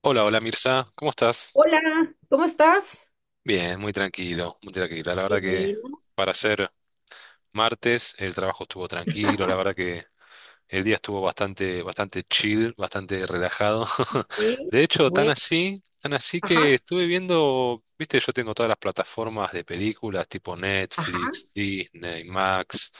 Hola, hola Mirza, ¿cómo estás? Hola, ¿cómo estás? Bien, muy tranquilo, muy tranquilo. La Qué verdad que bueno, para ser martes el trabajo estuvo tranquilo, la verdad que el día estuvo bastante chill, bastante relajado. ¿eh? De hecho, Bueno, tan así que ajá, estuve viendo, viste, yo tengo todas las plataformas de películas tipo ajá, Netflix, Disney, Max.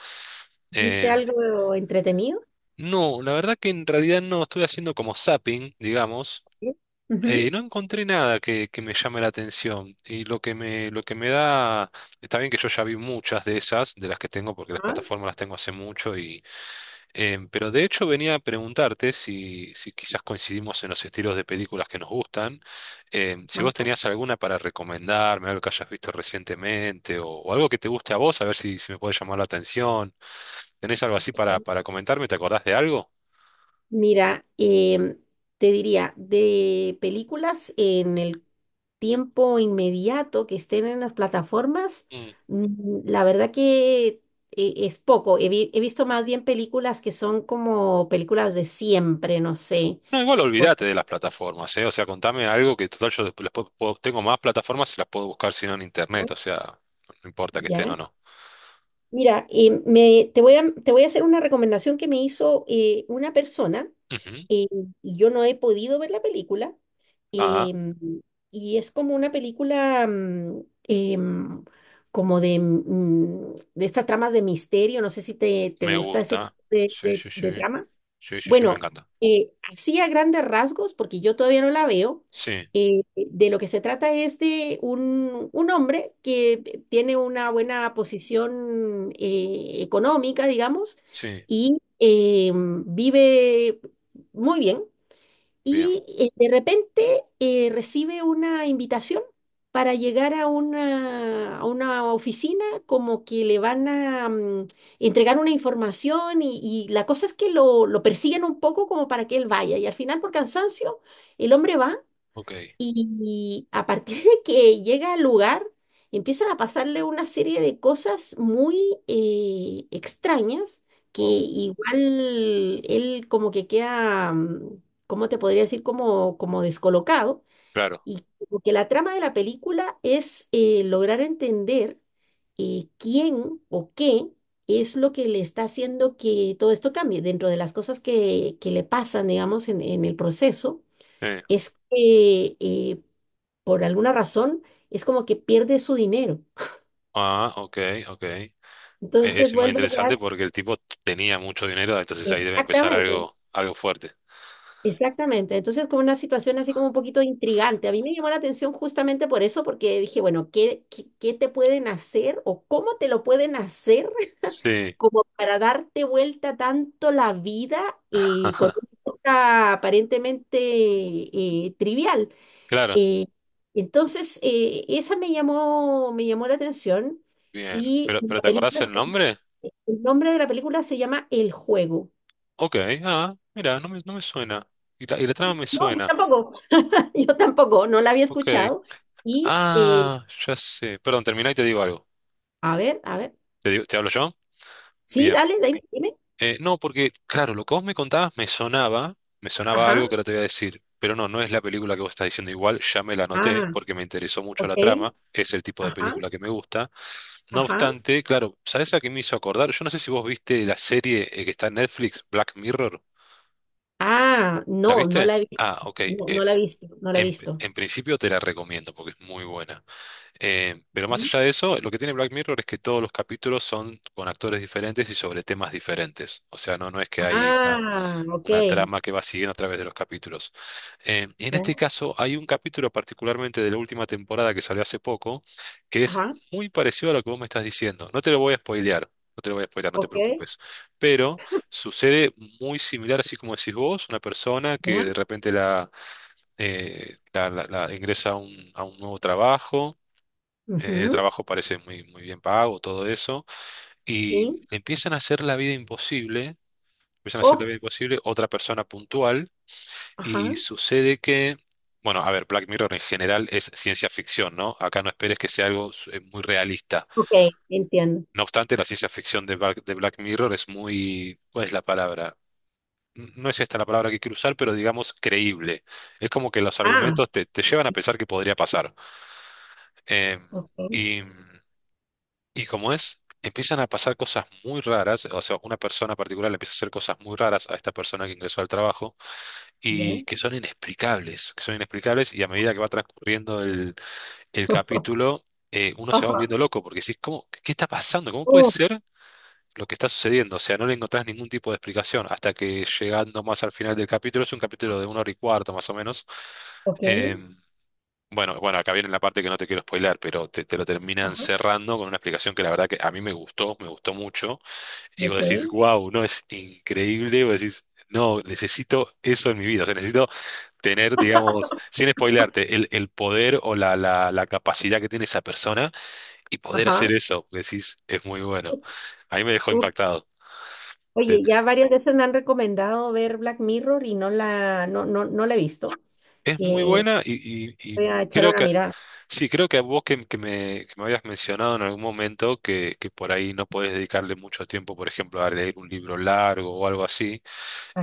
¿viste Em, algo entretenido? no, la verdad que en realidad no estuve haciendo como zapping, digamos. ¿Eh? Ujú. No encontré nada que me llame la atención y lo que lo que me da, está bien que yo ya vi muchas de esas, de las que tengo porque las Ajá, plataformas las tengo hace mucho y, pero de hecho venía a preguntarte si quizás coincidimos en los estilos de películas que nos gustan, si vos ajá, tenías alguna para recomendarme, algo que hayas visto recientemente o algo que te guste a vos, a ver si me puede llamar la atención, ¿tenés algo así ¿eh? para comentarme? ¿Te acordás de algo? Mira, te diría, de películas en el tiempo inmediato que estén en las plataformas, la verdad que es poco. He visto más bien películas que son como películas de siempre, no sé. No, igual Por olvídate de las plataformas, ¿eh? O sea, contame algo que total yo después tengo más plataformas y las puedo buscar si no en internet, ejemplo, o sea, no importa que estén ¿ya? o no. Mira, te voy a hacer una recomendación que me hizo una persona, Ujú. eh, y yo no he podido ver la película. Ah, em, y es como una película como de, de estas tramas de misterio. No sé si te me gusta ese tipo gusta. Sí, sí, sí. de trama. Sí, sí, sí, me Bueno, encanta. Así a grandes rasgos, porque yo todavía no la veo, Sí, de lo que se trata es de un hombre que tiene una buena posición económica, digamos, sí, y vive muy bien, bien. y de repente recibe una invitación para llegar a a una oficina como que le van a entregar una información y la cosa es que lo persiguen un poco como para que él vaya y al final por cansancio el hombre va Ok, y a partir de que llega al lugar, empiezan a pasarle una serie de cosas muy extrañas que wow. igual él como que queda, ¿cómo te podría decir? Como descolocado. Claro. Y como que la trama de la película es lograr entender quién o qué es lo que le está haciendo que todo esto cambie dentro de las cosas que le pasan, digamos, en el proceso Eh, es que por alguna razón es como que pierde su dinero. ah, ok, ok. Entonces es, muy vuelve a interesante quedar. porque el tipo tenía mucho dinero, entonces ahí debe empezar Exactamente. algo, algo fuerte. Exactamente. Entonces, como una situación así como un poquito intrigante. A mí me llamó la atención justamente por eso, porque dije, bueno, ¿qué te pueden hacer o cómo te lo pueden hacer Sí, como para darte vuelta tanto la vida con ajá, una cosa aparentemente trivial? claro. Eh, entonces, esa me llamó la atención Bien. y Pero te acordás el nombre? el nombre de la película se llama El Juego. Ok, ah, mira, no no me suena. Y y la trama me No, yo suena. tampoco, yo tampoco, no la había Ok. escuchado. Y, Ah, ya sé. Perdón, terminá y te digo algo. A ver, Te hablo yo? sí, Bien. dale, dime, dime. No, porque, claro, lo que vos me contabas me sonaba Ajá, algo que ahora te voy a decir. Pero no, no es la película que vos estás diciendo igual, ya me la anoté ah, porque me interesó mucho ok, la trama, es el tipo de ajá, película que me gusta. No ajá. obstante, claro, ¿sabés a qué me hizo acordar? Yo no sé si vos viste la serie que está en Netflix, Black Mirror. Ah, ¿La no, no viste? la he visto, Ah, ok. no, no la he visto, no la he visto. en principio te la recomiendo porque es muy buena. Pero más Ujú. allá de eso, lo que tiene Black Mirror es que todos los capítulos son con actores diferentes y sobre temas diferentes. O sea, no es que hay Ah, ok, una trama que va siguiendo a través de los capítulos. Y en ya, este caso, hay un capítulo particularmente de la última temporada que salió hace poco, que es ajá, muy parecido a lo que vos me estás diciendo. No te lo voy a spoilear. No te lo voy a spoilear, no te ok, preocupes. Pero sucede muy similar, así como decís vos, una persona ya, que de repente ingresa a un nuevo trabajo, el ujú, trabajo parece muy, muy bien pago, todo eso, y sí. le empiezan a hacer la vida imposible, empiezan a hacer la Oh. vida imposible otra persona puntual, Ajá. y sucede que, bueno, a ver, Black Mirror en general es ciencia ficción, ¿no? Acá no esperes que sea algo muy realista. Ok, entiendo. No obstante, la ciencia ficción de de Black Mirror es muy, ¿cuál es la palabra? No es esta la palabra que quiero usar, pero digamos creíble. Es como que los Ah, argumentos te llevan a pensar que podría pasar. Eh, ok, y, y como es, empiezan a pasar cosas muy raras, o sea, una persona particular le empieza a hacer cosas muy raras a esta persona que ingresó al trabajo ya. y que son inexplicables y a medida que va transcurriendo el capítulo, uno se va Ajá. volviendo loco porque decís, ¿cómo, qué está pasando? ¿Cómo puede Uh, ser? Lo que está sucediendo, o sea, no le encontrás ningún tipo de explicación hasta que llegando más al final del capítulo, es un capítulo de una hora y cuarto más o menos, ok, em, bueno, acá viene la parte que no te quiero spoiler, te lo terminan ajá, cerrando con una explicación que la verdad que a mí me gustó mucho. Y vos ok, decís, wow, no, es increíble. Vos decís, no, necesito eso en mi vida. O sea, necesito tener, digamos, sin spoilearte, el poder o la capacidad que tiene esa persona y poder ajá. hacer eso. Vos decís, es muy bueno. A mí me dejó Uf. impactado. Oye, ya varias veces me han recomendado ver Black Mirror y no la he visto. Es muy Eh, buena y, Voy y a echarle creo una que, mirada. sí, creo que a vos que que me habías mencionado en algún momento que por ahí no podés dedicarle mucho tiempo, por ejemplo, a leer un libro largo o algo así,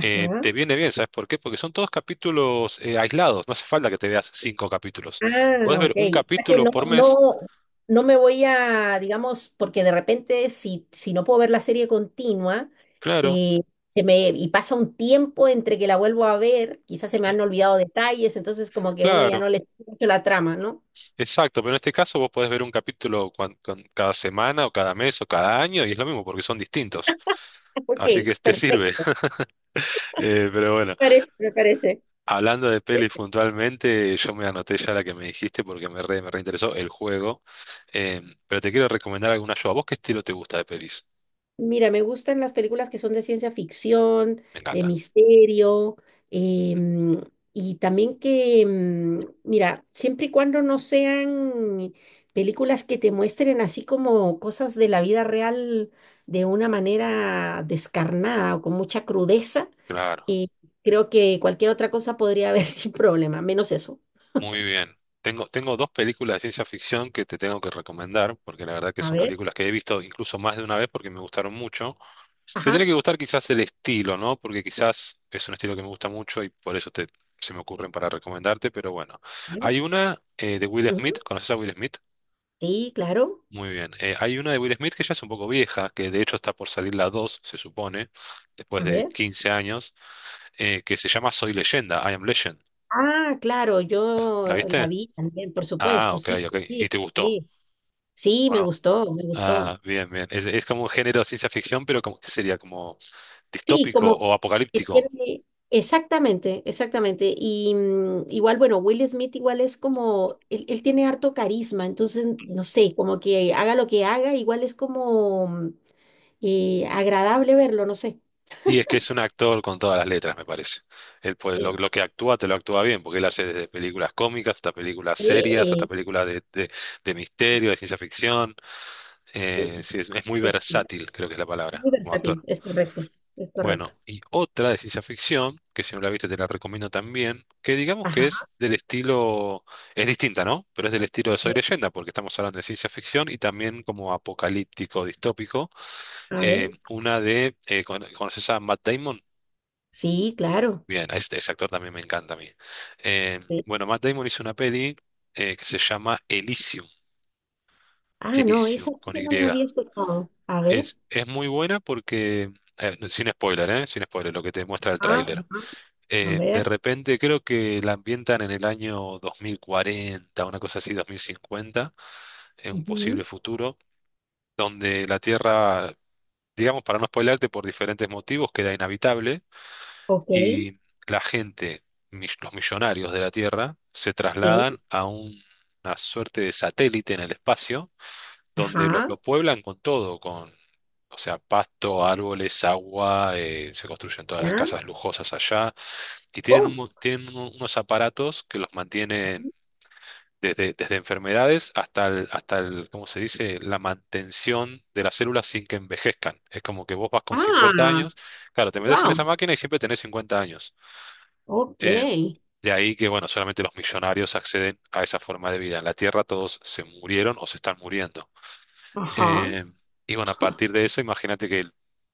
te viene bien, ¿sabes por qué? Porque son todos capítulos aislados, no hace falta que te veas cinco capítulos. Podés Ah, ver ok. un O sea que capítulo no, por mes, No, no me voy a, digamos, porque de repente si no puedo ver la serie continua, claro, eh, se me, y pasa un tiempo entre que la vuelvo a ver, quizás se me ujú, han olvidado detalles, entonces como que uno ya claro, no le escucha mucho la trama, ¿no? exacto, pero en este caso vos podés ver un capítulo cada semana o cada mes o cada año y es lo mismo porque son distintos, así Ok, que te sirve. perfecto. Pero bueno. Me Me parece. Hablando de pelis puntualmente, yo me anoté ya la que me dijiste porque me reinteresó el juego. Eh, pero te quiero recomendar alguna yo. ¿A vos qué estilo te gusta de pelis? Mira, me gustan las películas que son de ciencia ficción, Me de encanta. misterio, em, y también mira, siempre y cuando no sean películas que te muestren así como cosas de la vida real de una manera descarnada o con mucha crudeza, Claro, eh, creo que cualquier otra cosa podría haber sin problema, menos eso. muy bien. Tengo dos películas de ciencia ficción que te tengo que recomendar, porque la verdad que A son ver, películas que he visto incluso más de una vez porque me gustaron mucho. Te ajá. tiene A que gustar quizás el estilo, ¿no? Porque quizás es un estilo que me gusta mucho y por eso se me ocurren para recomendarte, pero bueno. ver, Hay una de Will Smith, ujú, ¿conoces a Will Smith? sí, claro. Muy bien. Hay una de Will Smith que ya es un poco vieja, que de hecho está por salir la 2, se supone, después A de ver. 15 años, que se llama Soy Leyenda, I Am Legend. Ah, claro, yo ¿La viste? la vi también, por Ah, supuesto, ok, sí, ok. ¿Y sí, te gustó? sí, sí, ¿O me no? gustó, me gustó. Ah, bien, bien. Es como un género de ciencia ficción, pero como, ¿qué sería? ¿Como Sí, distópico como o que apocalíptico? tiene, exactamente, exactamente. Y igual, bueno, Will Smith igual es como, él tiene harto carisma, entonces, no sé, como que haga lo que haga, igual es como agradable verlo, no sé. Y es que es un actor con todas las letras, me parece. Él puede, Sí, lo que actúa, te lo actúa bien, porque él hace desde películas cómicas hasta películas serias, hasta sí, películas de misterio, de ciencia ficción. Sí, Sí, es muy es versátil, creo que es la palabra, muy como versátil, actor. es correcto, es correcto. Bueno, y otra de ciencia ficción, que si no la viste te la recomiendo también, que digamos Ajá, que es del estilo, es distinta, ¿no? Pero es del estilo de Soy Leyenda, porque estamos hablando de ciencia ficción y también como apocalíptico, distópico. a ver. Una de, ¿conoces a Matt Damon? Sí, claro. Bien, ese actor también me encanta a mí. Eh, Sí. bueno, Matt Damon hizo una peli que se llama Elysium, Ah, no, esa Elysium sí con que Y. no la había escuchado. A ver, Es muy buena porque, no, sin spoiler, ¿eh? Sin spoiler, lo que te muestra el ah, tráiler. ajá, a De ver. repente creo que la ambientan en el año 2040, una cosa así, 2050, en un posible Ujú, futuro, donde la Tierra, digamos, para no spoilarte por diferentes motivos, queda inhabitable ok, y la gente, los millonarios de la Tierra, se sí, trasladan a una suerte de satélite en el espacio, donde ajá, lo pueblan con todo, o sea, pasto, árboles, agua, se construyen todas las ya. casas lujosas allá y tienen, Oh, tienen unos aparatos que los mantienen desde enfermedades ¿cómo se dice? La mantención de las células sin que envejezcan. Es como que vos vas con 50 ah, años, claro, te metes en wow, esa máquina y siempre tenés 50 años. ok, Eh, de ahí que, bueno, solamente los millonarios acceden a esa forma de vida. En la Tierra todos se murieron o se están muriendo. ajá. Eh, y bueno, a partir de eso, imagínate que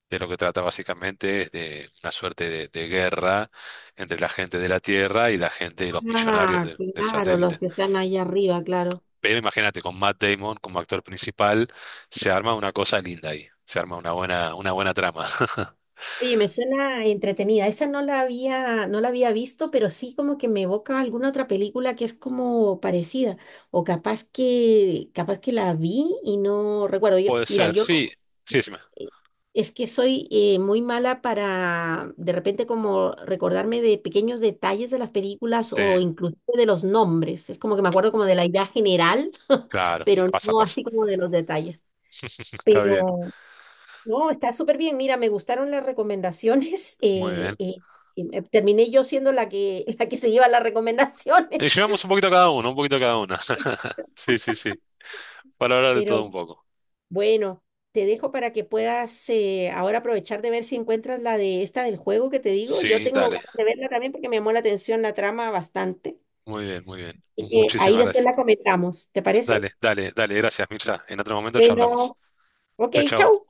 de lo que trata básicamente es de una suerte de guerra entre la gente de la Tierra y la gente de los millonarios Ah, del claro, los satélite. que están ahí arriba, claro. Pero imagínate, con Matt Damon como actor principal, se arma una cosa linda ahí, se arma una buena trama. Oye, me suena entretenida. Esa no la había visto, pero sí como que me evoca alguna otra película que es como parecida. O capaz que la vi y no recuerdo. Yo, Puede mira, ser, yo sí, sí, sí, es que soy muy mala para de repente como recordarme de pequeños detalles de las películas sí, o inclusive de los nombres. Es como que me acuerdo como de la idea general, claro, sí, pero pasa, no pasa. así como de los detalles. Está bien, Pero no, está súper bien. Mira, me gustaron las recomendaciones. muy bien. Y terminé yo siendo la que, la que se lleva las Y recomendaciones. llevamos un poquito cada uno, un poquito cada una. Sí, sí, sí, para hablar de Pero todo un poco. bueno, te dejo para que puedas ahora aprovechar de ver si encuentras la de esta del juego que te digo. Yo Sí, tengo dale. ganas de verla también porque me llamó la atención la trama bastante. Muy bien, muy bien. Y que ahí Muchísimas después gracias. la comentamos. ¿Te parece? Dale, dale, dale, gracias, Mirza. En otro momento charlamos. Bueno, ok, Chau, chau. chau.